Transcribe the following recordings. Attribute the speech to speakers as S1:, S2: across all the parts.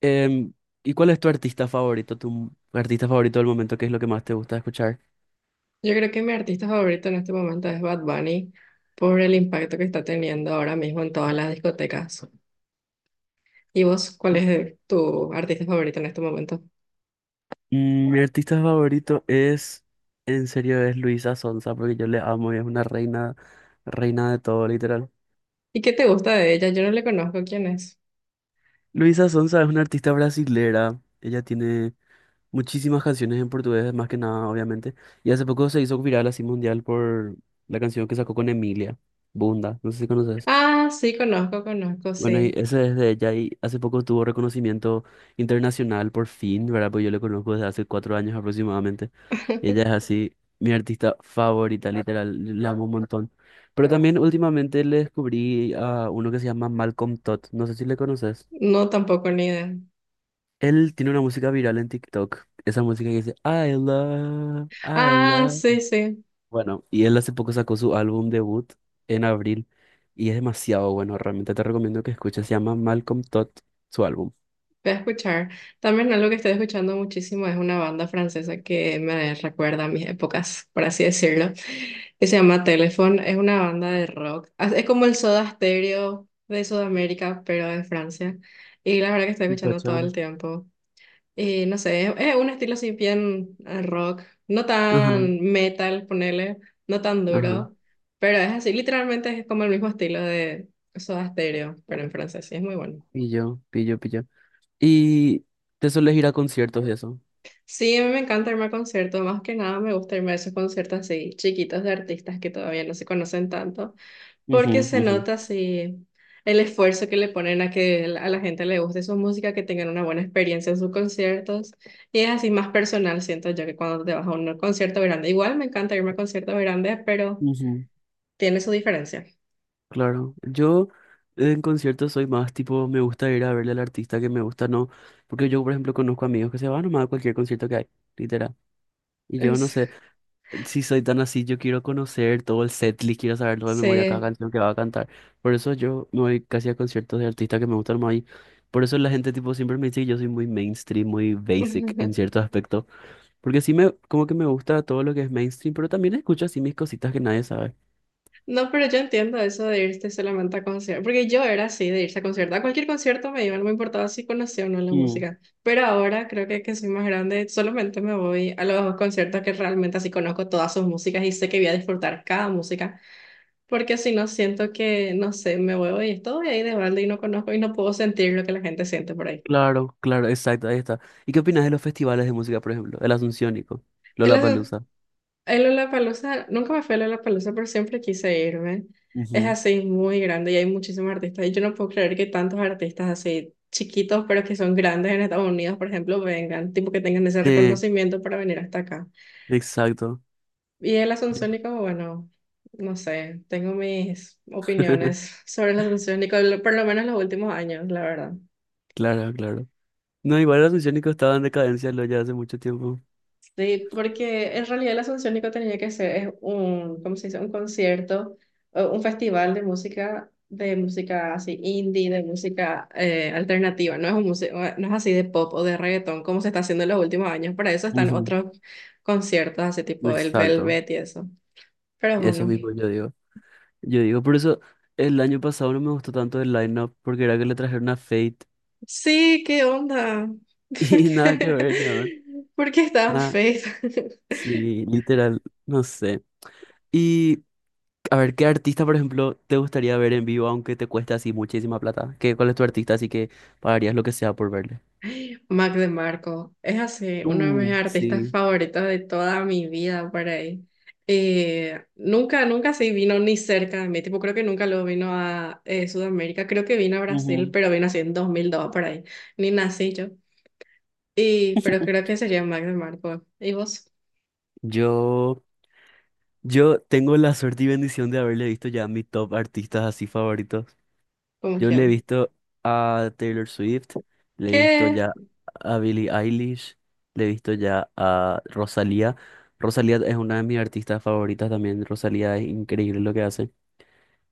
S1: Em, ¿Y cuál es tu artista favorito? ¿Tu artista favorito del momento? ¿Qué es lo que más te gusta escuchar?
S2: Yo creo que mi artista favorito en este momento es Bad Bunny por el impacto que está teniendo ahora mismo en todas las discotecas. ¿Y vos, cuál es tu artista favorito en este momento?
S1: Mi artista favorito es, en serio, es Luisa Sonza, porque yo le amo y es una reina, reina de todo, literal.
S2: ¿Y qué te gusta de ella? Yo no le conozco quién es.
S1: Luisa Sonza es una artista brasilera. Ella tiene muchísimas canciones en portugués, más que nada, obviamente. Y hace poco se hizo viral así mundial por la canción que sacó con Emilia, Bunda. No sé si conoces.
S2: Ah, sí, conozco, conozco,
S1: Bueno, y
S2: sí.
S1: eso es de ella y hace poco tuvo reconocimiento internacional por fin, ¿verdad? Pues yo le conozco desde hace 4 años aproximadamente. Ella es así mi artista favorita, literal, la amo un montón. Pero también últimamente le descubrí a uno que se llama Malcolm Todd, no sé si le conoces.
S2: No, tampoco ni idea.
S1: Él tiene una música viral en TikTok, esa música que dice I love, I
S2: Ah,
S1: love.
S2: sí, sí,
S1: Bueno, y él hace poco sacó su álbum debut en abril y es demasiado bueno, realmente te recomiendo que escuches, se llama Malcolm Todd, su álbum.
S2: voy a escuchar. También algo que estoy escuchando muchísimo es una banda francesa que me recuerda a mis épocas, por así decirlo, que se llama Telephone, es una banda de rock. Ah, es como el Soda Stereo de Sudamérica, pero de Francia. Y la verdad que estoy
S1: Un
S2: escuchando todo el
S1: Pachón.
S2: tiempo. Y no sé, es un estilo así bien rock, no
S1: Ajá,
S2: tan metal, ponele, no tan
S1: ajá.
S2: duro, pero es así, literalmente es como el mismo estilo de Soda Stereo, pero en francés, sí, es muy bueno.
S1: Pillo, pillo, pillo. ¿Y te sueles ir a conciertos y eso?
S2: Sí, a mí me encanta irme a conciertos, más que nada me gusta irme a esos conciertos así chiquitos de artistas que todavía no se conocen tanto. Porque
S1: Ujú,
S2: se
S1: ujú,
S2: nota así el esfuerzo que le ponen a que a la gente le guste su música, que tengan una buena experiencia en sus conciertos. Y es así más personal, siento yo, que cuando te vas a un concierto grande. Igual me encanta irme a conciertos grandes, pero
S1: ujú.
S2: tiene su diferencia.
S1: Claro, yo en conciertos soy más tipo, me gusta ir a verle al artista que me gusta, no, porque yo, por ejemplo, conozco amigos que se van nomás a cualquier concierto que hay, literal. Y yo no
S2: Es-
S1: sé, si soy tan así, yo quiero conocer todo el setlist, quiero saber todo de memoria cada
S2: Sí.
S1: canción que va a cantar. Por eso yo me voy casi a conciertos de artistas que me gustan más y por eso la gente tipo siempre me dice que yo soy muy mainstream, muy basic en ciertos aspectos, porque sí me como que me gusta todo lo que es mainstream, pero también escucho así mis cositas que nadie sabe.
S2: No, pero yo entiendo eso de irte solamente a conciertos, porque yo era así, de irse a conciertos. A cualquier concierto me iba, no me importaba si conocía o no la
S1: Mm.
S2: música. Pero ahora creo que soy más grande, solamente me voy a los conciertos que realmente así conozco todas sus músicas y sé que voy a disfrutar cada música, porque si no siento que, no sé, me voy y estoy ahí de balde y no conozco y no puedo sentir lo que la gente siente por ahí.
S1: Claro, claro, exacto, ahí está. ¿Y qué opinas de los festivales de música, por ejemplo? El Asunciónico,
S2: En las-
S1: Lollapalooza.
S2: El Lollapalooza, nunca me fui al Lollapalooza, pero siempre quise irme. Es
S1: Ujú.
S2: así muy grande y hay muchísimos artistas. Y yo no puedo creer que tantos artistas así chiquitos, pero que son grandes en Estados Unidos, por ejemplo, vengan, tipo que tengan ese
S1: Sí,
S2: reconocimiento para venir hasta acá.
S1: exacto.
S2: Y el
S1: Yo.
S2: Asunciónico, bueno, no sé, tengo mis opiniones sobre el Asunciónico, por lo menos los últimos años, la verdad.
S1: Claro, claro. No, igual los misiónicos estaban en decadencia lo ya hace mucho tiempo.
S2: Sí, porque en realidad la el Asunciónico tenía que ser es un, ¿cómo se dice? Un concierto, o un festival de música así indie, de música alternativa. No es así de pop o de reggaetón como se está haciendo en los últimos años. Para eso están
S1: Ujú,
S2: otros conciertos, así tipo el
S1: exacto.
S2: Velvet y eso. Pero
S1: Eso
S2: bueno,
S1: mismo yo digo. Yo digo, por eso el año pasado no me gustó tanto el lineup, porque era que le trajeron a Fate
S2: sí, ¿qué onda? ¿Por
S1: y nada que ver, ¿no?
S2: qué, por qué estás
S1: Nada,
S2: feliz?
S1: sí, literal, no sé. Y a ver, ¿qué artista, por ejemplo, te gustaría ver en vivo, aunque te cueste así muchísima plata? ¿Qué, cuál es tu artista? Así que pagarías lo que sea por verle.
S2: Mac DeMarco, es así, uno de mis artistas
S1: Sí.
S2: favoritos de toda mi vida por ahí. Nunca sí vino ni cerca de mí, tipo, creo que nunca lo vino a Sudamérica, creo que vino a Brasil,
S1: Ujú.
S2: pero vino así en 2002 por ahí, ni nací yo. Y, pero creo que sería Mac DeMarco. ¿Y vos?
S1: Yo. Yo tengo la suerte y bendición de haberle visto ya a mis top artistas así favoritos.
S2: ¿Cómo
S1: Yo le he
S2: quién?
S1: visto a Taylor Swift, le he visto
S2: ¿Qué?
S1: ya a Billie Eilish, le he visto ya a Rosalía. Rosalía es una de mis artistas favoritas también. Rosalía es increíble lo que hace.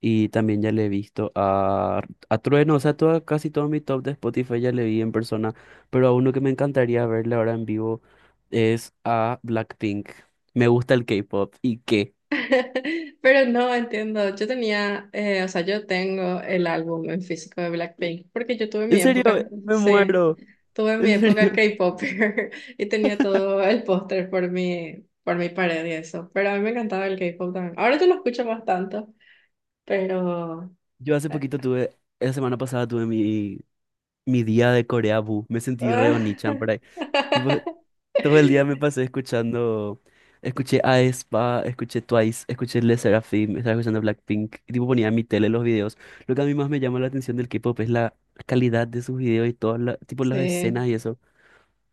S1: Y también ya le he visto a Trueno, o sea, toda- casi todo mi top de Spotify ya le vi en persona. Pero a uno que me encantaría verle ahora en vivo es a Blackpink. Me gusta el K-pop. ¿Y qué?
S2: Pero no entiendo, o sea, yo tengo el álbum en físico de Blackpink, porque yo tuve mi
S1: En serio,
S2: época,
S1: me
S2: sí,
S1: muero.
S2: tuve mi
S1: En
S2: época
S1: serio.
S2: K-pop, y tenía todo el póster por mi, pared y eso, pero a mí me encantaba el K-pop también. Ahora yo lo escucho más tanto, pero...
S1: Yo hace
S2: eh,
S1: poquito tuve, la semana pasada tuve mi, mi día de Corea Bu. Me sentí re Onichan por ahí. Tipo, todo el día me pasé escuchando. Escuché a aespa, escuché Twice, escuché Le Sserafim, estaba escuchando Blackpink. Y tipo ponía en mi tele los videos. Lo que a mí más me llama la atención del K-pop es la calidad de sus videos y todas las, tipo las
S2: sí,
S1: escenas y eso.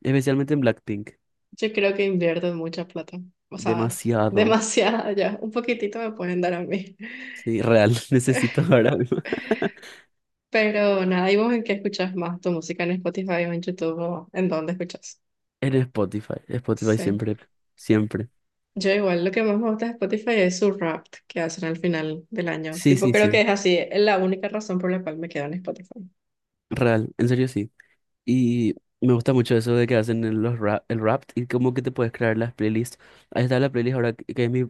S1: Especialmente en Blackpink.
S2: yo creo que invierten mucha plata, o sea,
S1: Demasiado.
S2: demasiada ya, un poquitito me pueden dar a mí.
S1: Sí, real. Necesito ahora mismo.
S2: Pero nada, ¿y vos en qué escuchas más tu música en Spotify o en YouTube o en dónde escuchas?
S1: En Spotify, Spotify
S2: Sí.
S1: siempre, siempre.
S2: Yo igual lo que más me gusta de Spotify es su rap que hacen al final del año.
S1: Sí,
S2: Tipo,
S1: sí,
S2: creo que
S1: sí,
S2: es así, es la única razón por la cual me quedo en Spotify.
S1: real, en serio sí. Y me gusta mucho eso de que hacen el- los rap, el rap y como que te puedes crear las playlists. Ahí está la playlist ahora que es mi,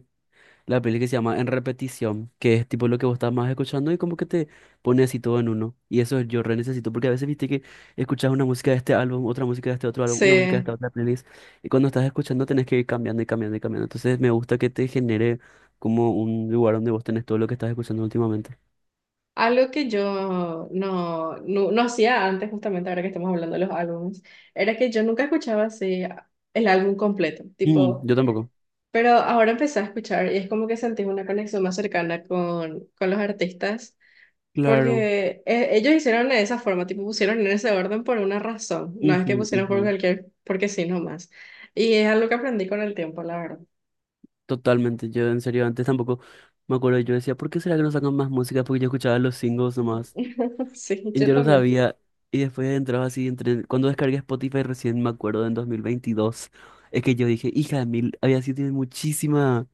S1: la playlist que se llama En Repetición, que es tipo lo que vos estás más escuchando y como que te pone así todo en uno. Y eso yo re necesito porque a veces viste que escuchas una música de este álbum, otra música de este otro álbum, una música de esta
S2: Sí.
S1: otra playlist y cuando estás escuchando tenés que ir cambiando y cambiando y cambiando. Entonces me gusta que te genere como un lugar donde vos tenés todo lo que estás escuchando últimamente.
S2: Algo que yo no hacía antes, justamente ahora que estamos hablando de los álbumes, era que yo nunca escuchaba así el álbum completo.
S1: Mm,
S2: Tipo,
S1: yo tampoco.
S2: pero ahora empecé a escuchar y es como que sentí una conexión más cercana con, los artistas.
S1: Claro.
S2: Porque ellos hicieron de esa forma, tipo pusieron en ese orden por una razón, no es
S1: Ujú,
S2: que pusieron por
S1: ujú.
S2: cualquier, porque sí, nomás. Y es algo que aprendí con el tiempo, la verdad.
S1: Totalmente. Yo en serio antes tampoco me acuerdo. Yo decía, ¿por qué será que no sacan más música? Porque yo escuchaba los singles nomás.
S2: Sí,
S1: Y
S2: yo
S1: yo no
S2: también.
S1: sabía. Y después entraba así, entre... cuando descargué Spotify recién me acuerdo en 2022. Es que yo dije, hija de mil, había sido tiene muchísimas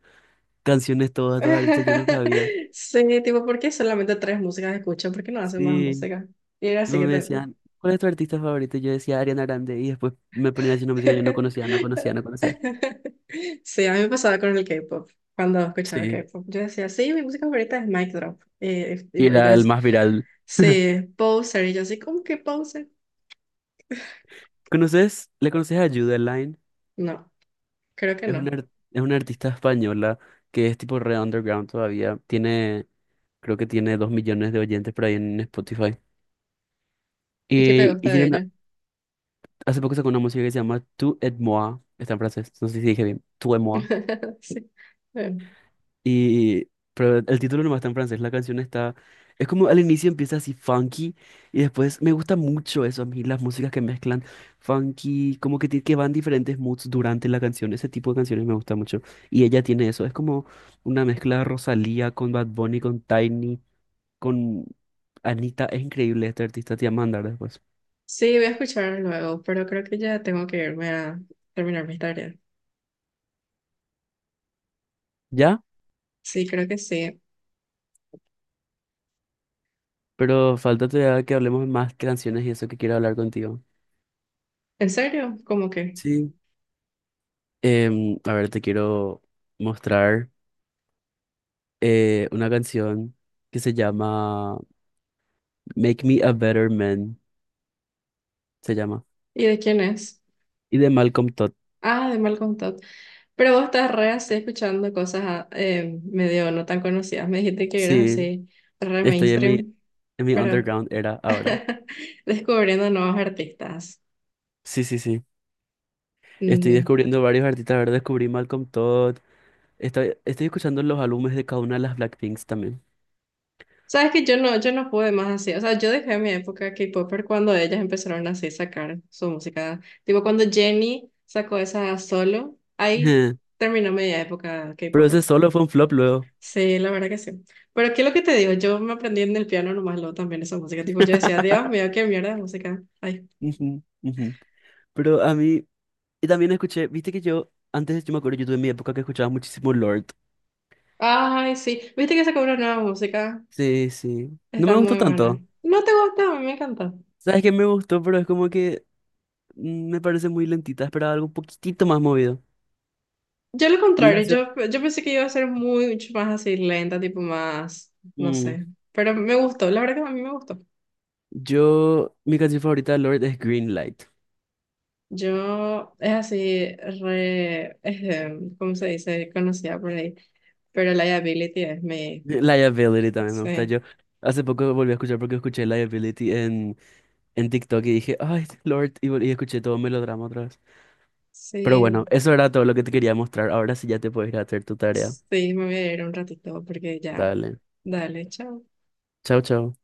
S1: canciones todas, todas artistas, yo no sabía.
S2: Sí, tipo, ¿por qué solamente tres músicas escuchan? ¿Por qué no hacen más
S1: Sí.
S2: música? Y era
S1: Tipo
S2: así que,
S1: me
S2: también.
S1: decían, ¿cuál es tu artista favorito? Y yo decía Ariana Grande. Y después me ponía haciendo música que yo no conocía, no conocía, no conocía.
S2: Sí, a mí me pasaba con el K-pop, cuando escuchaba
S1: Sí.
S2: K-pop. Yo decía, sí, mi música favorita es Mic Drop. Y,
S1: Y era el
S2: ellos,
S1: más viral.
S2: sí, Poser. Y yo así, ¿cómo que Poser?
S1: ¿Conoces? ¿Le conoces a Line?
S2: No, creo que
S1: Es una,
S2: no.
S1: ar- es una artista española que es tipo re underground todavía. Tiene, creo que tiene 2 millones de oyentes por ahí en Spotify.
S2: ¿Y qué te gusta
S1: Y
S2: de
S1: tiene una-
S2: ella?
S1: hace poco sacó una música que se llama Tu et moi. Está en francés. No sé si dije bien. Tu et moi.
S2: Sí. Bueno,
S1: Y, pero el título nomás está en francés, la canción está... Es como al inicio empieza así funky y después me gusta mucho eso, a mí las músicas que mezclan funky, como que, ti- que van diferentes moods durante la canción, ese tipo de canciones me gusta mucho. Y ella tiene eso, es como una mezcla de Rosalía con Bad Bunny, con Tiny, con Anita, es increíble este artista, te voy a mandar después.
S2: sí, voy a escuchar luego, pero creo que ya tengo que irme a terminar mi tarea.
S1: ¿Ya?
S2: Sí, creo que sí.
S1: Pero falta todavía que hablemos más canciones y eso que quiero hablar contigo.
S2: ¿En serio? ¿Cómo que?
S1: Sí. A ver, te quiero mostrar. Una canción que se llama Make Me a Better Man, se llama.
S2: ¿Y de quién es?
S1: Y de Malcolm Todd.
S2: Ah, de Malcolm Todd. Pero vos estás re así escuchando cosas medio no tan conocidas. Me dijiste que eras
S1: Sí,
S2: así re
S1: estoy
S2: mainstream,
S1: en mi
S2: pero
S1: underground era ahora.
S2: descubriendo nuevos artistas.
S1: Sí, sí, sí. Estoy
S2: Ujú.
S1: descubriendo varios artistas. Ahora descubrí Malcolm Todd. Estoy, estoy escuchando los álbumes de cada una de las Blackpinks también.
S2: Sabes que yo no pude más así. O sea, yo dejé mi época K-Popper cuando ellas empezaron así a sacar su música. Tipo, cuando Jennie sacó esa solo, ahí terminó mi época
S1: Pero ese
S2: K-Popper.
S1: solo fue un flop luego.
S2: Sí, la verdad que sí. Pero ¿qué es lo que te digo? Yo me aprendí en el piano nomás lo también esa música. Tipo, yo decía, Dios mío, qué mierda de música. Ay.
S1: Ujú, ujú. Pero a mí, y también escuché, viste que yo, antes yo me acuerdo, yo tuve mi época que escuchaba muchísimo Lord.
S2: Ay, sí. ¿Viste que sacó una nueva música?
S1: Sí, sí. No
S2: Está
S1: me gustó
S2: muy buena.
S1: tanto.
S2: ¿No te gusta? A mí me encanta.
S1: ¿Sabes qué me gustó? Pero es como que me parece muy lentita. Esperaba algo un poquitito más movido.
S2: Yo lo
S1: Mi
S2: contrario,
S1: canción.
S2: yo pensé que iba a ser mucho más así lenta, tipo más, no
S1: mm,
S2: sé, pero me gustó, la verdad que a mí me gustó.
S1: yo, mi canción favorita de Lord es Green Light.
S2: Yo es así, re, ¿cómo se dice? Conocida por ahí, pero liability es mi,
S1: Liability también me gusta.
S2: sí,
S1: Yo hace poco volví a escuchar porque escuché Liability en TikTok y dije, ay, Lord, y, vol- y escuché todo melodrama otra vez. Pero
S2: sí,
S1: bueno, eso era todo lo que te quería mostrar. Ahora sí ya te puedes ir a hacer tu tarea.
S2: sí, me voy a ir un ratito porque ya,
S1: Dale.
S2: dale, chao.
S1: Chao, chao.